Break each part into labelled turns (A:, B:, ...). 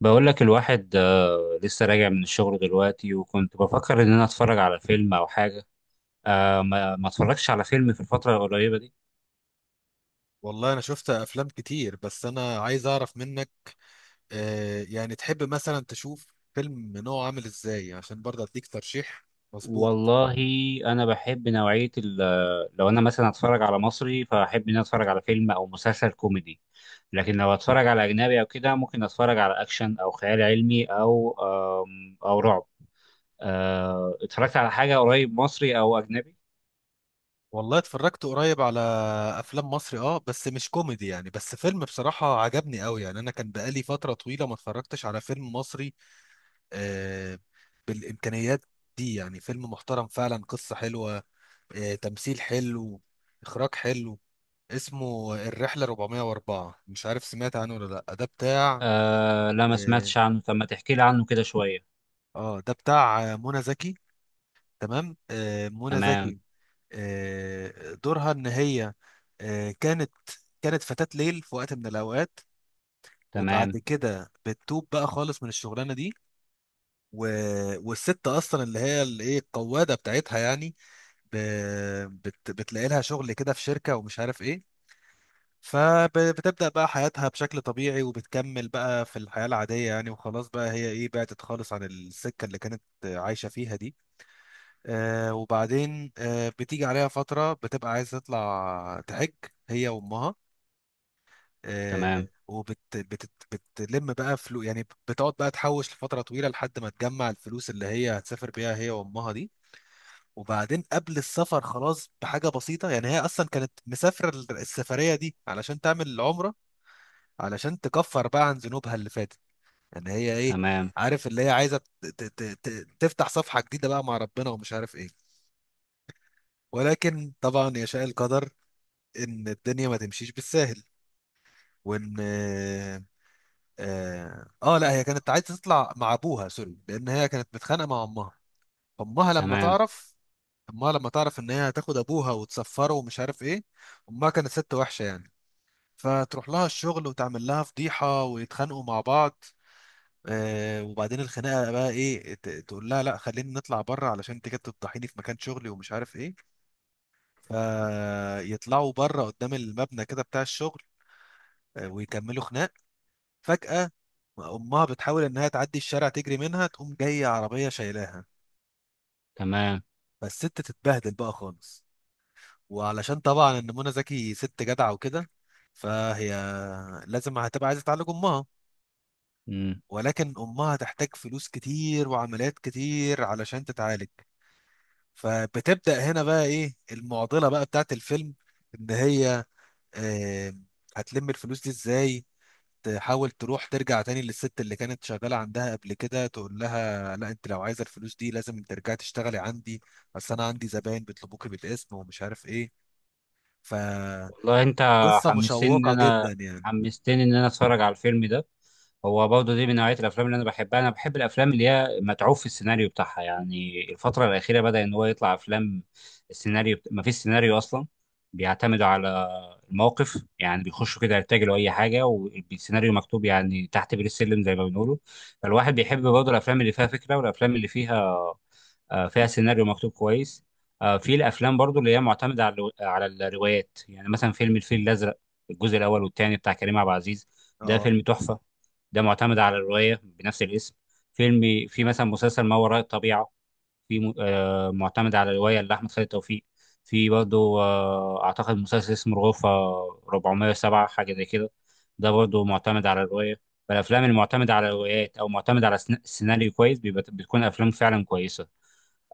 A: بقول لك الواحد لسه راجع من الشغل دلوقتي، وكنت بفكر ان انا اتفرج على فيلم او حاجه. ما اتفرجش على فيلم في الفتره القريبه دي.
B: والله انا شفت افلام كتير، بس انا عايز اعرف منك. يعني تحب مثلا تشوف فيلم نوعه عامل ازاي، عشان برضه اديك ترشيح مظبوط.
A: والله انا بحب نوعيه لو انا مثلا اتفرج على مصري فاحب ان انا اتفرج على فيلم او مسلسل كوميدي. لكن لو اتفرج على اجنبي او كده ممكن اتفرج على اكشن او خيال علمي او او رعب. اتفرجت على حاجه قريب مصري او اجنبي؟
B: والله اتفرجت قريب على افلام مصري، بس مش كوميدي يعني. بس فيلم بصراحة عجبني قوي، يعني انا كان بقالي فترة طويلة ما اتفرجتش على فيلم مصري. آه بالامكانيات دي، يعني فيلم محترم فعلا، قصة حلوة، تمثيل حلو، اخراج حلو. اسمه الرحله 404، مش عارف سمعت عنه ولا لا. ده بتاع
A: آه لا، ما
B: اه
A: سمعتش عنه، طب ما تحكي لي عنه كده شويه.
B: منى زكي. تمام. منى
A: تمام.
B: زكي. دورها ان هي آه، كانت كانت فتاة ليل في وقت من الاوقات، وبعد
A: تمام.
B: كده بتتوب بقى خالص من الشغلانه دي. و... والست اصلا اللي هي الايه، القواده بتاعتها يعني، ب... بتلاقي لها شغل كده في شركه ومش عارف ايه. فبتبدأ بقى حياتها بشكل طبيعي، وبتكمل بقى في الحياة العادية، يعني وخلاص بقى هي ايه، بعدت خالص عن السكة اللي كانت عايشة فيها دي. وبعدين بتيجي عليها فترة بتبقى عايزة تطلع تحج هي وأمها. آه
A: تمام.
B: وبت بت بتلم بقى فلوس، يعني بتقعد بقى تحوش لفترة طويلة، لحد ما تجمع الفلوس اللي هي هتسافر بيها هي وأمها دي. وبعدين قبل السفر خلاص، بحاجة بسيطة، يعني هي أصلا كانت مسافرة السفرية دي علشان تعمل العمرة، علشان تكفر بقى عن ذنوبها اللي فاتت. يعني هي ايه،
A: تمام.
B: عارف، اللي هي عايزه تفتح صفحه جديده بقى مع ربنا ومش عارف ايه. ولكن طبعا يشاء القدر ان الدنيا ما تمشيش بالساهل. وان اه, آه آه، لا، هي كانت عايزه تطلع مع ابوها سوري، لان هي كانت متخانقه مع امها. امها لما
A: تمام.
B: تعرف امها لما تعرف ان هي هتاخد ابوها وتسفره ومش عارف ايه. امها كانت ست وحشه يعني. فتروح لها الشغل وتعمل لها فضيحه ويتخانقوا مع بعض. وبعدين الخناقه بقى ايه، تقول لها لا، خلينا نطلع بره، علشان انت كده بتفضحيني في مكان شغلي ومش عارف ايه. فيطلعوا بره قدام المبنى كده بتاع الشغل. ويكملوا خناق. فجاه امها بتحاول انها تعدي الشارع، تجري منها، تقوم جايه عربيه شايلاها.
A: تمام.
B: فالست تتبهدل بقى خالص. وعلشان طبعا ان منى زكي ست جدعه وكده، فهي لازم هتبقى عايزه تعالج امها.
A: مم.
B: ولكن امها هتحتاج فلوس كتير وعمليات كتير علشان تتعالج. فبتبدأ هنا بقى ايه المعضلة بقى بتاعت الفيلم، ان هي آه، هتلم الفلوس دي ازاي. تحاول تروح ترجع تاني للست اللي كانت شغالة عندها قبل كده، تقول لها لا، انت لو عايزة الفلوس دي لازم ترجعي تشتغلي عندي، بس انا عندي زباين بيطلبوكي بالاسم ومش عارف ايه. فقصة
A: والله انت حمستني ان
B: مشوقة
A: انا
B: جدا يعني.
A: حمستني ان انا اتفرج على الفيلم ده. هو برضه دي من نوعيه الافلام اللي انا بحبها. انا بحب الافلام اللي هي متعوب في السيناريو بتاعها، يعني الفتره الاخيره بدا ان هو يطلع افلام السيناريو ما فيش سيناريو اصلا، بيعتمدوا على الموقف، يعني بيخشوا كده يرتجلوا اي حاجه والسيناريو مكتوب يعني تحت بير السلم زي ما بنقوله. فالواحد بيحب برضه الافلام اللي فيها فكره والافلام اللي فيها سيناريو مكتوب كويس. في الافلام برضو اللي هي معتمده على الروايات، يعني مثلا فيلم الفيل الازرق، الجزء الاول والثاني بتاع كريم عبد العزيز. ده
B: اه،
A: فيلم تحفه. ده معتمد على الروايه بنفس الاسم. فيلم في مثلا مسلسل ما وراء الطبيعه، في معتمد على رواية لأحمد خالد توفيق. في برضه أعتقد مسلسل اسمه الغرفة 407، حاجة زي كده. ده برضه معتمد على الرواية. فالأفلام المعتمدة على روايات أو معتمدة على سيناريو كويس بيبقى بتكون أفلام فعلا كويسة.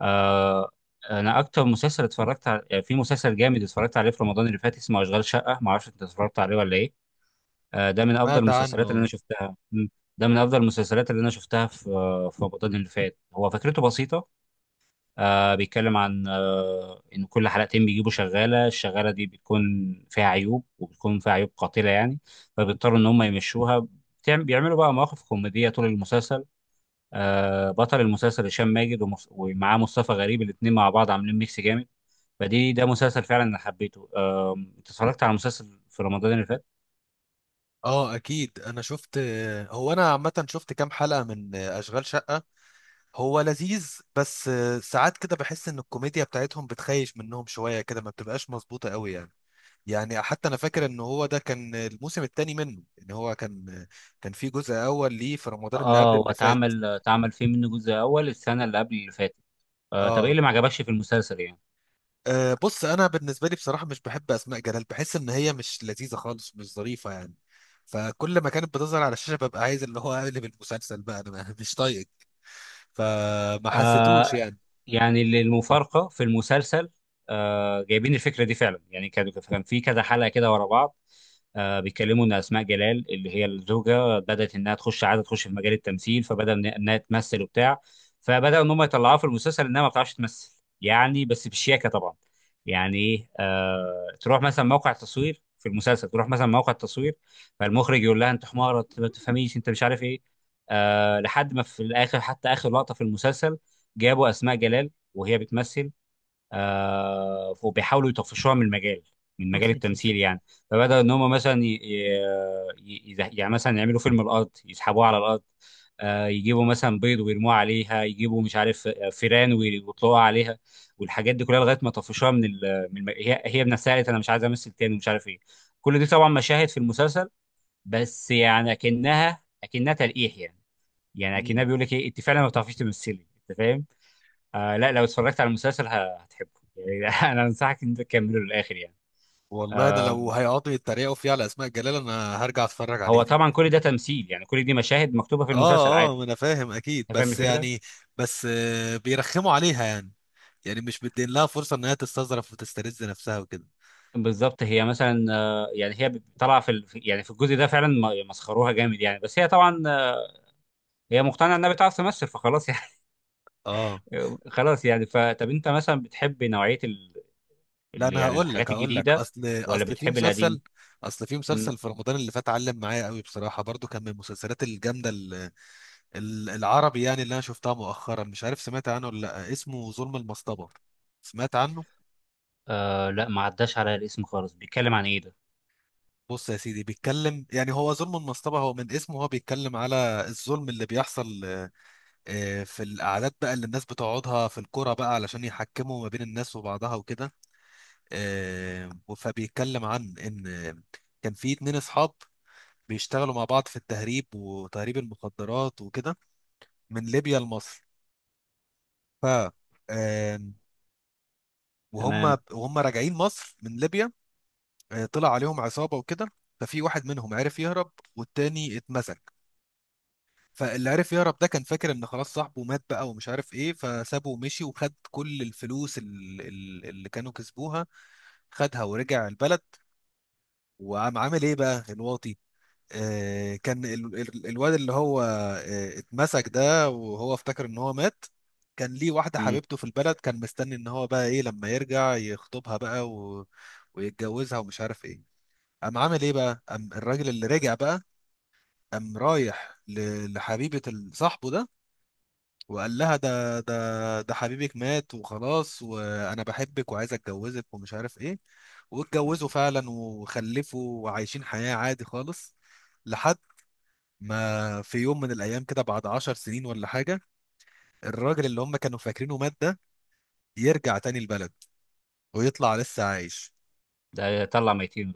A: آه، أنا أكتر مسلسل اتفرجت على في مسلسل جامد اتفرجت عليه في رمضان اللي فات اسمه أشغال شقة، معرفش أنت اتفرجت عليه ولا إيه. ده من أفضل
B: سمعت عنه.
A: المسلسلات اللي أنا
B: اه.
A: شفتها. مم. ده من أفضل المسلسلات اللي أنا شفتها في رمضان اللي فات. هو فكرته بسيطة. بيتكلم عن إن كل حلقتين بيجيبوا شغالة. الشغالة دي بتكون فيها عيوب وبتكون فيها عيوب قاتلة يعني، فبيضطروا إن هم يمشوها. بيعملوا بقى مواقف كوميدية طول المسلسل. بطل المسلسل هشام ماجد ومعاه مصطفى غريب، الاتنين مع بعض عاملين ميكس جامد. فدي ده مسلسل فعلا أنا حبيته. أنت اتفرجت على مسلسل في رمضان اللي فات؟
B: اكيد انا شفت. هو انا عامة شفت كام حلقة من اشغال شقة. هو لذيذ، بس ساعات كده بحس ان الكوميديا بتاعتهم بتخيش منهم شويه كده، ما بتبقاش مظبوطه قوي يعني. يعني حتى انا فاكر ان هو ده كان الموسم الثاني منه، ان هو كان في جزء اول ليه في رمضان اللي قبل
A: اه،
B: اللي فات.
A: واتعمل فيه منه جزء أول السنة اللي قبل اللي فاتت. طب إيه
B: اه.
A: اللي ما عجبكش في المسلسل يعني؟
B: بص، انا بالنسبه لي بصراحه مش بحب اسماء جلال، بحس ان هي مش لذيذه خالص، مش ظريفه يعني. فكل ما كانت بتظهر على الشاشه ببقى عايز اللي هو اقلب المسلسل بقى انا. مش طايق. فما حسيتوش
A: آه
B: يعني؟
A: يعني اللي المفارقه في المسلسل، جايبين الفكره دي فعلا، يعني كان في كذا حلقه كده ورا بعض. بيتكلموا ان اسماء جلال اللي هي الزوجه بدات انها تخش عاده تخش في مجال التمثيل، فبدا انها تمثل وبتاع. فبداوا ان هم يطلعوها في المسلسل انها ما بتعرفش تمثل، يعني بس بالشياكه طبعا. يعني ايه، تروح مثلا موقع تصوير في المسلسل، تروح مثلا موقع تصوير، فالمخرج يقول لها انت حماره، انت ما بتفهميش، انت مش عارف ايه. لحد ما في الاخر، حتى اخر لقطه في المسلسل جابوا اسماء جلال وهي بتمثل. وبيحاولوا يطفشوها من المجال، من مجال التمثيل يعني. فبدأوا ان هم مثلا يعني مثلا يعملوا فيلم الارض يسحبوها على الارض. يجيبوا مثلا بيض ويرموه عليها، يجيبوا مش عارف فيران ويطلقوها عليها. والحاجات دي كلها لغايه ما طفشوها من هي بنفسها قالت انا مش عايزه امثل تاني ومش عارف ايه. كل دي طبعا مشاهد في المسلسل، بس يعني اكنها تلقيح يعني. يعني اكنها بيقول لك ايه، انت فعلا ما بتعرفيش تمثلي، انت فاهم. لا لو اتفرجت على المسلسل هتحبه يعني. انا انصحك ان انت تكمله للاخر يعني.
B: والله انا
A: آم،
B: لو هيقعدوا يتريقوا فيه على اسماء جلال، انا هرجع اتفرج عليه
A: هو
B: تاني.
A: طبعا كل ده تمثيل، يعني كل دي مشاهد مكتوبه في المسلسل
B: اه اه،
A: عادي.
B: ما انا فاهم اكيد،
A: انت فاهم
B: بس
A: الفكره.
B: يعني، بس بيرخموا عليها يعني. يعني مش مدين لها فرصه ان هي تستظرف وتسترز نفسها وكده.
A: بالظبط، هي مثلا يعني هي طالعه في يعني في الجزء ده فعلا مسخروها جامد يعني، بس هي طبعا هي مقتنعه انها بتعرف تمثل فخلاص يعني.
B: اه
A: خلاص يعني. فطب انت مثلا بتحب نوعيه
B: لا، انا
A: يعني
B: هقول لك،
A: الحاجات
B: هقول لك
A: الجديده
B: اصل
A: ولا
B: اصل في
A: بتحب القديم؟
B: مسلسل اصل في
A: مم.
B: مسلسل في رمضان اللي فات علم معايا قوي بصراحه. برضو كان من المسلسلات الجامده، العربي يعني، اللي انا شفتها مؤخرا. مش عارف سمعت عنه ولا لا، اسمه ظلم المصطبه. سمعت عنه.
A: لا، ما عداش على الاسم خالص، بيتكلم عن ايه ده؟
B: بص يا سيدي، بيتكلم يعني، هو ظلم المصطبة هو من اسمه، هو بيتكلم على الظلم اللي بيحصل في القعدات بقى اللي الناس بتقعدها في الكرة بقى، علشان يحكموا ما بين الناس وبعضها وكده. آه، فبيتكلم عن إن كان في اتنين أصحاب بيشتغلوا مع بعض في التهريب وتهريب المخدرات وكده، من ليبيا لمصر. ف آه، وهم
A: تمام.
B: وهم راجعين مصر من ليبيا، طلع عليهم عصابة وكده. ففي واحد منهم عرف يهرب والتاني اتمسك. فاللي عرف يهرب ده كان فاكر ان خلاص صاحبه مات بقى ومش عارف ايه، فسابه ومشي وخد كل الفلوس اللي كانوا كسبوها، خدها ورجع البلد. وقام عامل ايه بقى الواطي. كان الواد اللي هو اتمسك ده، وهو افتكر ان هو مات، كان ليه واحدة
A: مم.
B: حبيبته في البلد، كان مستني ان هو بقى ايه لما يرجع يخطبها بقى ويتجوزها ومش عارف ايه. قام عامل ايه بقى، قام الراجل اللي رجع بقى، قام رايح لحبيبة صاحبه ده، وقال لها ده حبيبك مات وخلاص، وانا بحبك وعايز اتجوزك ومش عارف ايه. واتجوزوا فعلا وخلفوا وعايشين حياة عادي خالص، لحد ما في يوم من الايام كده، بعد عشر سنين ولا حاجة، الراجل اللي هم كانوا فاكرينه مات ده يرجع تاني البلد ويطلع لسه عايش.
A: ده يطلع ميتين.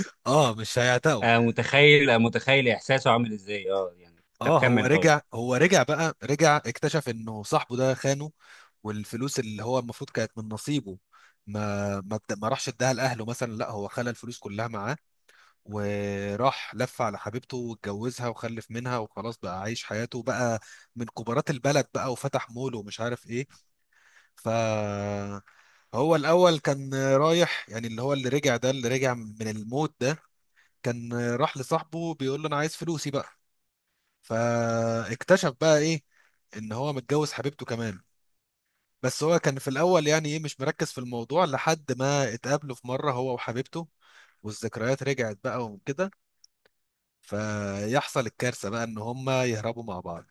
B: اه، مش هيعتقوا.
A: متخيل احساسه عامل ازاي، اه يعني. طب
B: اه، هو
A: كمل طيب.
B: رجع هو رجع بقى رجع اكتشف انه صاحبه ده خانه، والفلوس اللي هو المفروض كانت من نصيبه، ما راحش اداها لاهله مثلا. لا، هو خلى الفلوس كلها معاه، وراح لف على حبيبته واتجوزها وخلف منها، وخلاص بقى عايش حياته بقى من كبارات البلد بقى، وفتح مول ومش عارف ايه. ف هو الاول كان رايح، يعني اللي هو اللي رجع ده، اللي رجع من الموت ده، كان راح لصاحبه بيقول له انا عايز فلوسي بقى. فاكتشف بقى ايه ان هو متجوز حبيبته كمان. بس هو كان في الاول يعني ايه مش مركز في الموضوع، لحد ما اتقابلوا في مره هو وحبيبته، والذكريات رجعت بقى وكده، فيحصل الكارثه بقى ان هما يهربوا مع بعض.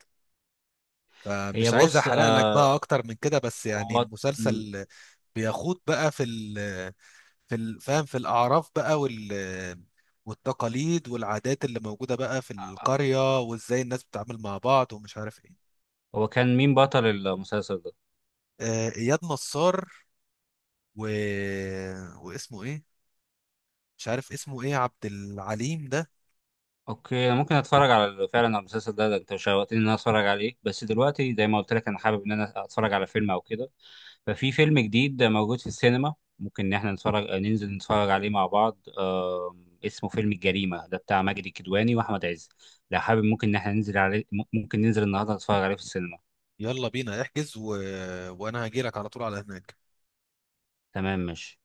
A: هي
B: فمش عايز
A: بص،
B: احرق لك
A: آه
B: بقى اكتر من كده، بس يعني
A: هو مم.
B: المسلسل بيخوض بقى فاهم، في الأعراف بقى والتقاليد والعادات اللي موجودة بقى في القرية، وإزاي الناس بتتعامل مع بعض ومش عارف إيه.
A: هو كان مين بطل المسلسل ده؟
B: اياد نصار، و... آه، واسمه ايه، مش عارف اسمه ايه، عبد العليم ده.
A: اوكي، انا ممكن اتفرج على فعلا على المسلسل ده، ده انت شوقتني ان انا اتفرج عليه. بس دلوقتي زي ما قلت لك انا حابب ان انا اتفرج على فيلم او كده، ففي فيلم جديد موجود في السينما ممكن ان احنا نتفرج ننزل نتفرج عليه مع بعض. اسمه فيلم الجريمة ده بتاع ماجد الكدواني واحمد عز. لو حابب ممكن ان احنا ننزل عليه، ممكن ننزل النهارده نتفرج عليه في السينما.
B: يلا بينا احجز، و... آه، وانا هجيلك على طول على هناك.
A: تمام، ماشي.